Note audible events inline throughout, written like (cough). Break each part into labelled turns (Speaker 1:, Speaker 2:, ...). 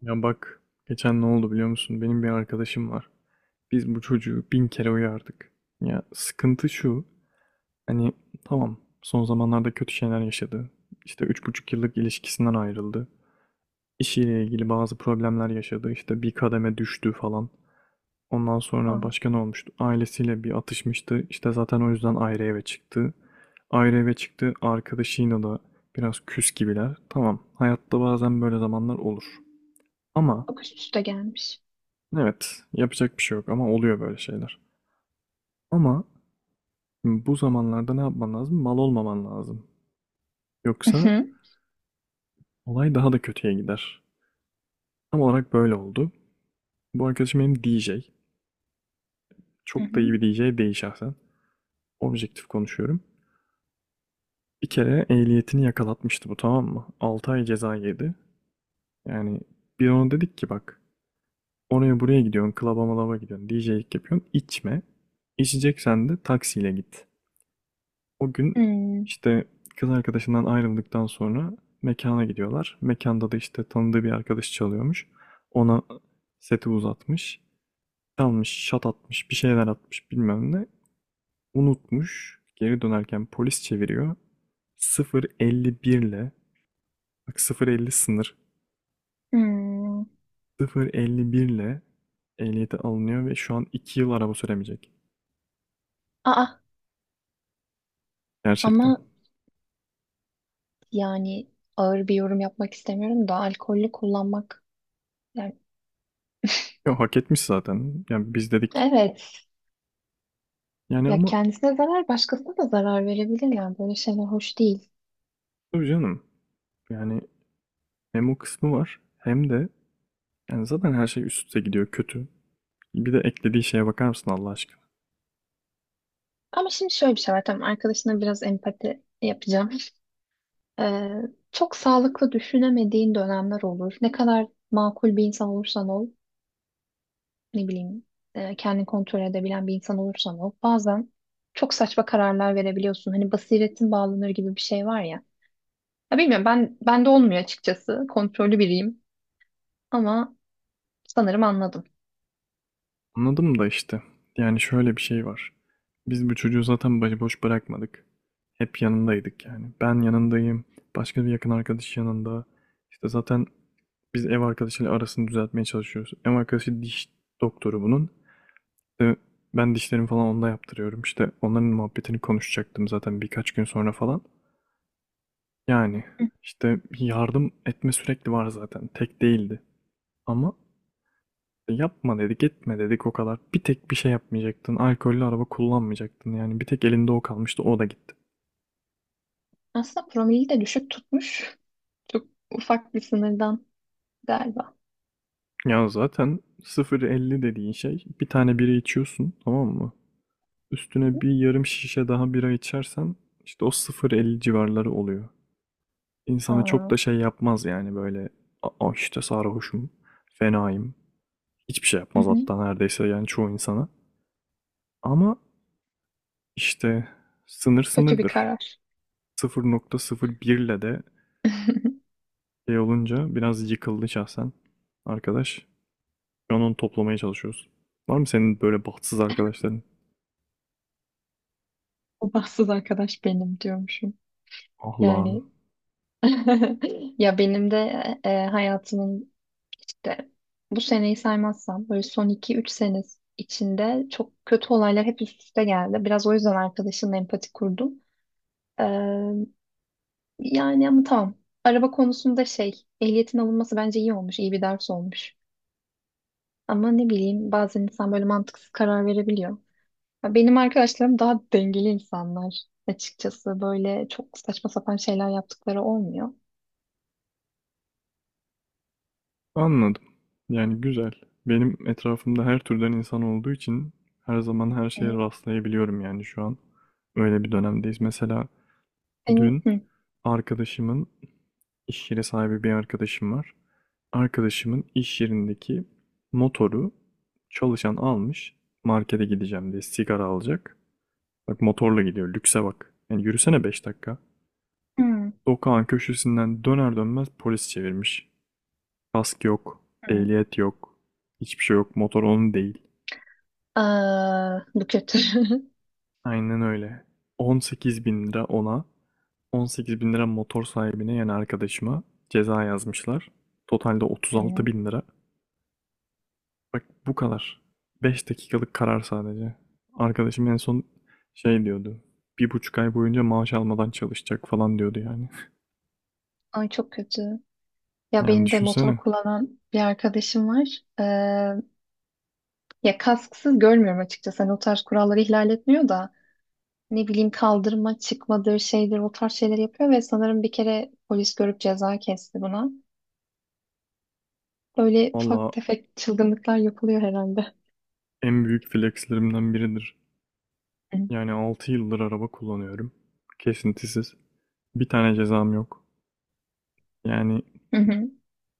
Speaker 1: Ya bak, geçen ne oldu biliyor musun? Benim bir arkadaşım var. Biz bu çocuğu bin kere uyardık. Ya sıkıntı şu, hani tamam, son zamanlarda kötü şeyler yaşadı. İşte üç buçuk yıllık ilişkisinden ayrıldı. İşiyle ilgili bazı problemler yaşadı. İşte bir kademe düştü falan. Ondan sonra
Speaker 2: Aa,
Speaker 1: başka ne olmuştu? Ailesiyle bir atışmıştı. İşte zaten o yüzden ayrı eve çıktı. Ayrı eve çıktı. Arkadaşıyla da biraz küs gibiler. Tamam, hayatta bazen böyle zamanlar olur. Ama
Speaker 2: bak üst üste gelmiş.
Speaker 1: Evet, yapacak bir şey yok ama oluyor böyle şeyler. Ama şimdi bu zamanlarda ne yapman lazım? Mal olmaman lazım.
Speaker 2: Hı
Speaker 1: Yoksa
Speaker 2: hı.
Speaker 1: olay daha da kötüye gider. Tam olarak böyle oldu. Bu arkadaşım benim DJ.
Speaker 2: Hı
Speaker 1: Çok
Speaker 2: hı.
Speaker 1: da iyi bir DJ değil şahsen. Objektif konuşuyorum. Bir kere ehliyetini yakalatmıştı, bu tamam mı? 6 ay ceza yedi. Yani bir ona dedik ki bak, oraya buraya gidiyorsun, klaba malaba gidiyorsun, DJ'lik yapıyorsun, içme. İçeceksen de taksiyle git. O gün
Speaker 2: Hmm.
Speaker 1: işte kız arkadaşından ayrıldıktan sonra mekana gidiyorlar. Mekanda da işte tanıdığı bir arkadaş çalıyormuş. Ona seti uzatmış. Çalmış, şat atmış, bir şeyler atmış bilmem ne. Unutmuş. Geri dönerken polis çeviriyor. 0,51 ile, bak 0,50 sınır.
Speaker 2: Hmm.
Speaker 1: 0,51 ile ehliyeti alınıyor ve şu an 2 yıl araba süremeyecek.
Speaker 2: Aa, ama
Speaker 1: Gerçekten.
Speaker 2: yani ağır bir yorum yapmak istemiyorum da alkollü kullanmak... Yani
Speaker 1: Ya hak etmiş zaten. Yani biz dedik.
Speaker 2: evet,
Speaker 1: Yani
Speaker 2: ya
Speaker 1: ama
Speaker 2: kendisine zarar başkasına da zarar verebilir, yani böyle şeyler hoş değil.
Speaker 1: tabii canım. Yani hem o kısmı var, hem de yani zaten her şey üst üste gidiyor kötü. Bir de eklediği şeye bakar mısın Allah aşkına?
Speaker 2: Ama şimdi şöyle bir şey var, tamam, arkadaşına biraz empati yapacağım. Ee, Çok sağlıklı düşünemediğin dönemler olur. Ne kadar makul bir insan olursan ol. Ne bileyim, kendini kontrol edebilen bir insan olursan ol. Bazen çok saçma kararlar verebiliyorsun. Hani basiretin bağlanır gibi bir şey var ya. Ya bilmiyorum, ben bende olmuyor açıkçası. Kontrollü biriyim ama sanırım anladım.
Speaker 1: Anladım da işte. Yani şöyle bir şey var. Biz bu çocuğu zaten başıboş bırakmadık. Hep yanındaydık yani. Ben yanındayım. Başka bir yakın arkadaş yanında. İşte zaten biz ev arkadaşıyla arasını düzeltmeye çalışıyoruz. Ev arkadaşı diş doktoru bunun. İşte ben dişlerimi falan onda yaptırıyorum. İşte onların muhabbetini konuşacaktım zaten birkaç gün sonra falan. Yani
Speaker 2: Hı.
Speaker 1: işte yardım etme sürekli var zaten. Tek değildi. Ama işte, yapma dedik, etme dedik o kadar. Bir tek bir şey yapmayacaktın. Alkollü araba kullanmayacaktın. Yani bir tek elinde o kalmıştı. O da gitti.
Speaker 2: Aslında promili de düşük tutmuş. Çok ufak bir sınırdan galiba.
Speaker 1: Ya zaten sıfır elli dediğin şey, bir tane bira içiyorsun tamam mı? Üstüne bir yarım şişe daha bira içersen işte o sıfır elli civarları oluyor. İnsanı çok
Speaker 2: Aa,
Speaker 1: da şey yapmaz yani, böyle "Aa işte sarhoşum, fenayım." Hiçbir şey
Speaker 2: hı
Speaker 1: yapmaz
Speaker 2: hı,
Speaker 1: hatta neredeyse yani, çoğu insana. Ama İşte sınır
Speaker 2: kötü bir
Speaker 1: sınırdır.
Speaker 2: karar.
Speaker 1: 0,01 ile de şey olunca biraz yıkıldı şahsen arkadaş. Şu an onu toplamaya çalışıyoruz. Var mı senin böyle bahtsız arkadaşların?
Speaker 2: O bahtsız arkadaş benim diyormuşum.
Speaker 1: Ah lan.
Speaker 2: Yani (laughs) ya benim de hayatımın... İşte bu seneyi saymazsam böyle son iki üç sene içinde çok kötü olaylar hep üst üste geldi. Biraz o yüzden arkadaşımla empati kurdum. Ee, Yani ama tamam. Araba konusunda şey, ehliyetin alınması bence iyi olmuş, iyi bir ders olmuş. Ama ne bileyim, bazen insan böyle mantıksız karar verebiliyor. Ya benim arkadaşlarım daha dengeli insanlar açıkçası. Böyle çok saçma sapan şeyler yaptıkları olmuyor.
Speaker 1: Anladım. Yani güzel. Benim etrafımda her türden insan olduğu için her zaman her
Speaker 2: Hı
Speaker 1: şeye
Speaker 2: hı.
Speaker 1: rastlayabiliyorum yani şu an. Öyle bir dönemdeyiz. Mesela
Speaker 2: Senin...
Speaker 1: dün arkadaşımın iş yeri sahibi bir arkadaşım var. Arkadaşımın iş yerindeki motoru çalışan almış. Markete gideceğim diye, sigara alacak. Bak motorla gidiyor. Lükse bak. Yani yürüsene, 5 dakika.
Speaker 2: Hı,
Speaker 1: Sokağın köşesinden döner dönmez polis çevirmiş. Kask yok.
Speaker 2: hı.
Speaker 1: Ehliyet yok. Hiçbir şey yok. Motor onun değil.
Speaker 2: Aa, bu kötü. (laughs)
Speaker 1: Aynen öyle. 18 bin lira ona. 18 bin lira motor sahibine yani arkadaşıma ceza yazmışlar. Totalde 36
Speaker 2: Hı.
Speaker 1: bin lira. Bak bu kadar. 5 dakikalık karar sadece. Arkadaşım en son şey diyordu. Bir buçuk ay boyunca maaş almadan çalışacak falan diyordu yani.
Speaker 2: Ay, çok kötü. Ya
Speaker 1: Yani
Speaker 2: benim de motor
Speaker 1: düşünsene.
Speaker 2: kullanan bir arkadaşım var. Ya kasksız görmüyorum açıkçası. Hani o tarz kuralları ihlal etmiyor da ne bileyim, kaldırma çıkmadır şeydir, o tarz şeyler yapıyor ve sanırım bir kere polis görüp ceza kesti buna. Böyle ufak
Speaker 1: Valla
Speaker 2: tefek çılgınlıklar yapılıyor herhalde.
Speaker 1: en büyük flexlerimden biridir.
Speaker 2: Hı
Speaker 1: Yani 6 yıldır araba kullanıyorum. Kesintisiz. Bir tane cezam yok. Yani
Speaker 2: hı.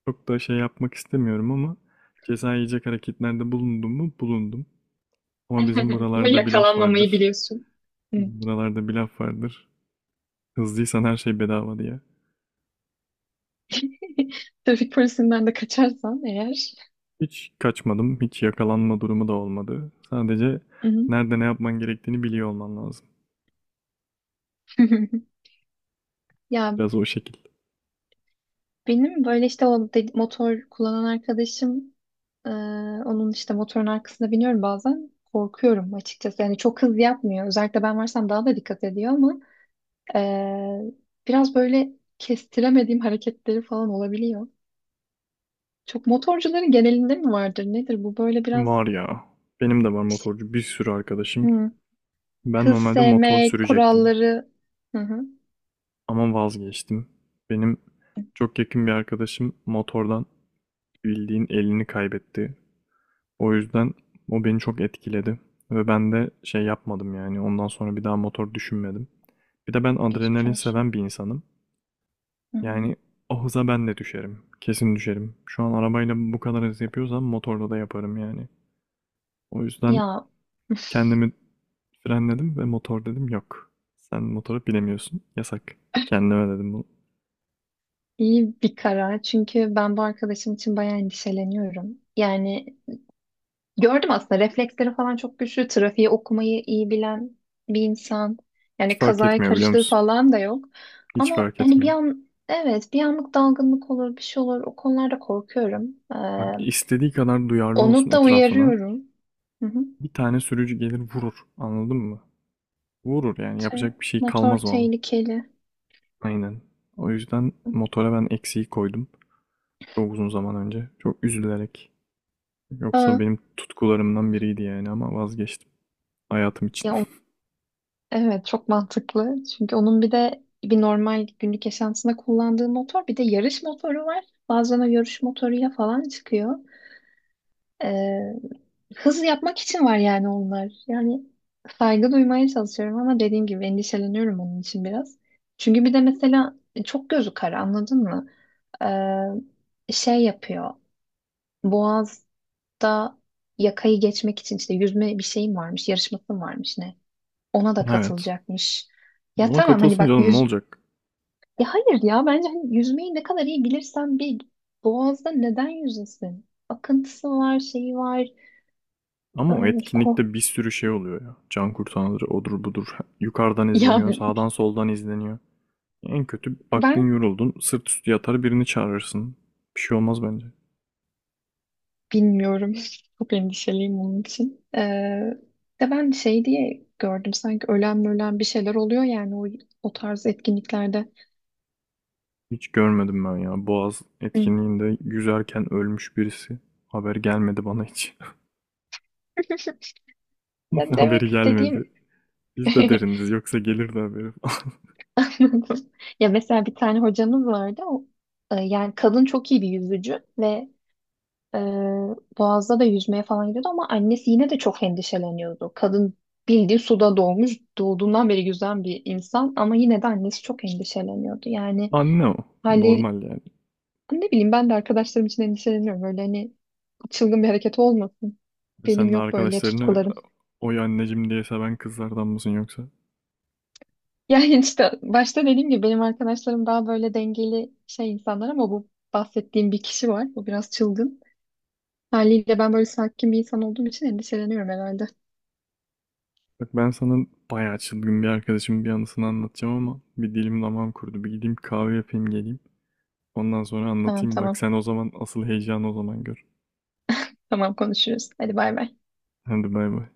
Speaker 1: çok da şey yapmak istemiyorum ama ceza yiyecek hareketlerde bulundum mu? Bulundum. Ama bizim
Speaker 2: (laughs) Ama
Speaker 1: buralarda bir laf
Speaker 2: yakalanmamayı
Speaker 1: vardır.
Speaker 2: biliyorsun. Hı.
Speaker 1: Bizim buralarda bir laf vardır: hızlıysan her şey bedava diye.
Speaker 2: (laughs) Trafik polisinden de kaçarsan eğer.
Speaker 1: Hiç kaçmadım, hiç yakalanma durumu da olmadı. Sadece
Speaker 2: Hı hı.
Speaker 1: nerede ne yapman gerektiğini biliyor olman lazım.
Speaker 2: (laughs) Ya
Speaker 1: Biraz o şekil.
Speaker 2: benim böyle işte motor kullanan arkadaşım... Ee, Onun işte motorun arkasına biniyorum bazen. Korkuyorum açıkçası. Yani çok hız yapmıyor. Özellikle ben varsam daha da dikkat ediyor ama ee, biraz böyle kestiremediğim hareketleri falan olabiliyor. Çok motorcuların genelinde mi vardır? Nedir bu? Böyle biraz
Speaker 1: Var ya, benim de var
Speaker 2: şey-
Speaker 1: motorcu bir sürü arkadaşım.
Speaker 2: Hı.
Speaker 1: Ben
Speaker 2: hız
Speaker 1: normalde motor
Speaker 2: sevmek,
Speaker 1: sürecektim
Speaker 2: kuralları... Hı hı.
Speaker 1: ama vazgeçtim. Benim çok yakın bir arkadaşım motordan bildiğin elini kaybetti. O yüzden o beni çok etkiledi ve ben de şey yapmadım yani, ondan sonra bir daha motor düşünmedim. Bir de ben
Speaker 2: Geçmiş
Speaker 1: adrenalin
Speaker 2: olsun.
Speaker 1: seven bir insanım.
Speaker 2: Hı hı.
Speaker 1: Yani o hıza ben de düşerim. Kesin düşerim. Şu an arabayla bu kadar hız yapıyorsam motorla da yaparım yani. O yüzden
Speaker 2: Ya
Speaker 1: kendimi frenledim ve motor dedim yok. Sen motoru bilemiyorsun. Yasak. Kendime dedim bunu.
Speaker 2: iyi bir karar. Çünkü ben bu arkadaşım için bayağı endişeleniyorum. Yani gördüm, aslında refleksleri falan çok güçlü. Trafiği okumayı iyi bilen bir insan.
Speaker 1: Hiç
Speaker 2: Yani
Speaker 1: fark
Speaker 2: kazaya
Speaker 1: etmiyor biliyor
Speaker 2: karıştığı
Speaker 1: musun?
Speaker 2: falan da yok.
Speaker 1: Hiç
Speaker 2: Ama
Speaker 1: fark
Speaker 2: hani bir
Speaker 1: etmiyor.
Speaker 2: an, evet, bir anlık dalgınlık olur, bir şey olur. O konularda korkuyorum.
Speaker 1: Bak, istediği kadar duyarlı olsun
Speaker 2: Onu da
Speaker 1: etrafına.
Speaker 2: uyarıyorum. Hı hı.
Speaker 1: Bir tane sürücü gelir vurur. Anladın mı? Vurur yani,
Speaker 2: Te-...
Speaker 1: yapacak bir şey
Speaker 2: Motor
Speaker 1: kalmaz o an.
Speaker 2: tehlikeli.
Speaker 1: Aynen. O yüzden motora ben eksiği koydum. Çok uzun zaman önce. Çok üzülerek. Yoksa
Speaker 2: Aa,
Speaker 1: benim tutkularımdan biriydi yani ama vazgeçtim. Hayatım için.
Speaker 2: ya o-
Speaker 1: (laughs)
Speaker 2: evet, çok mantıklı. Çünkü onun bir de bir normal günlük yaşantısında kullandığı motor, bir de yarış motoru var. Bazen o yarış motoru ya falan çıkıyor. Ee, Hız yapmak için var yani onlar. Yani saygı duymaya çalışıyorum ama dediğim gibi endişeleniyorum onun için biraz. Çünkü bir de mesela çok gözü kara, anladın mı? Şey yapıyor. Boğaz'da yakayı geçmek için işte yüzme bir şeyim varmış, yarışmasım varmış ne. Ona da
Speaker 1: Evet.
Speaker 2: katılacakmış. Ya
Speaker 1: Ona
Speaker 2: tamam, hani
Speaker 1: katılsın
Speaker 2: bak,
Speaker 1: canım, ne
Speaker 2: yüz...
Speaker 1: olacak?
Speaker 2: Ya hayır ya, bence hani yüzmeyi ne kadar iyi bilirsen bil, Boğaz'da neden yüzesin? Akıntısı var, şeyi var.
Speaker 1: Ama o
Speaker 2: Ay,
Speaker 1: etkinlikte
Speaker 2: korkunç.
Speaker 1: bir sürü şey oluyor ya. Can kurtaranları odur budur. (laughs) Yukarıdan
Speaker 2: Ya
Speaker 1: izleniyor, sağdan soldan izleniyor. En kötü baktın,
Speaker 2: ben
Speaker 1: yoruldun, sırt üstü yatar birini çağırırsın. Bir şey olmaz bence.
Speaker 2: bilmiyorum. (laughs) Çok endişeliyim onun için. De ben şey diye gördüm, sanki ölen ölen bir şeyler oluyor yani o, o tarz etkinliklerde.
Speaker 1: Hiç görmedim ben ya. Boğaz
Speaker 2: Hı.
Speaker 1: etkinliğinde yüzerken ölmüş birisi. Haber gelmedi bana hiç.
Speaker 2: (laughs) Ya
Speaker 1: (laughs) Haberi
Speaker 2: demek
Speaker 1: gelmedi.
Speaker 2: istediğim...
Speaker 1: Biz de
Speaker 2: (laughs)
Speaker 1: deriniz yoksa gelirdi haberi.
Speaker 2: anladım. Ya mesela bir tane hocamız vardı. O, yani kadın çok iyi bir yüzücü ve e, Boğaz'da da yüzmeye falan gidiyordu ama annesi yine de çok endişeleniyordu. Kadın bildiği suda doğmuş, doğduğundan beri yüzen bir insan ama yine de annesi çok endişeleniyordu.
Speaker 1: (laughs)
Speaker 2: Yani
Speaker 1: Anne o.
Speaker 2: haliyle
Speaker 1: Normal yani.
Speaker 2: ne bileyim, ben de arkadaşlarım için endişeleniyorum. Böyle hani çılgın bir hareket olmasın. Benim
Speaker 1: Sen de
Speaker 2: yok böyle
Speaker 1: arkadaşlarını
Speaker 2: tutkularım. (laughs)
Speaker 1: oy anneciğim diye seven kızlardan mısın yoksa?
Speaker 2: Yani işte başta dediğim gibi benim arkadaşlarım daha böyle dengeli şey insanlar ama bu bahsettiğim bir kişi var. Bu biraz çılgın. Haliyle ben böyle sakin bir insan olduğum için endişeleniyorum herhalde.
Speaker 1: Bak, ben sana bayağı çılgın bir arkadaşımın bir anısını anlatacağım ama bir dilim damağım kurudu. Bir gideyim kahve yapayım geleyim. Ondan sonra
Speaker 2: Tamam
Speaker 1: anlatayım. Bak
Speaker 2: tamam.
Speaker 1: sen o zaman, asıl heyecanı o zaman gör.
Speaker 2: Tamam, konuşuruz. Hadi bay bay.
Speaker 1: Hadi bay bay.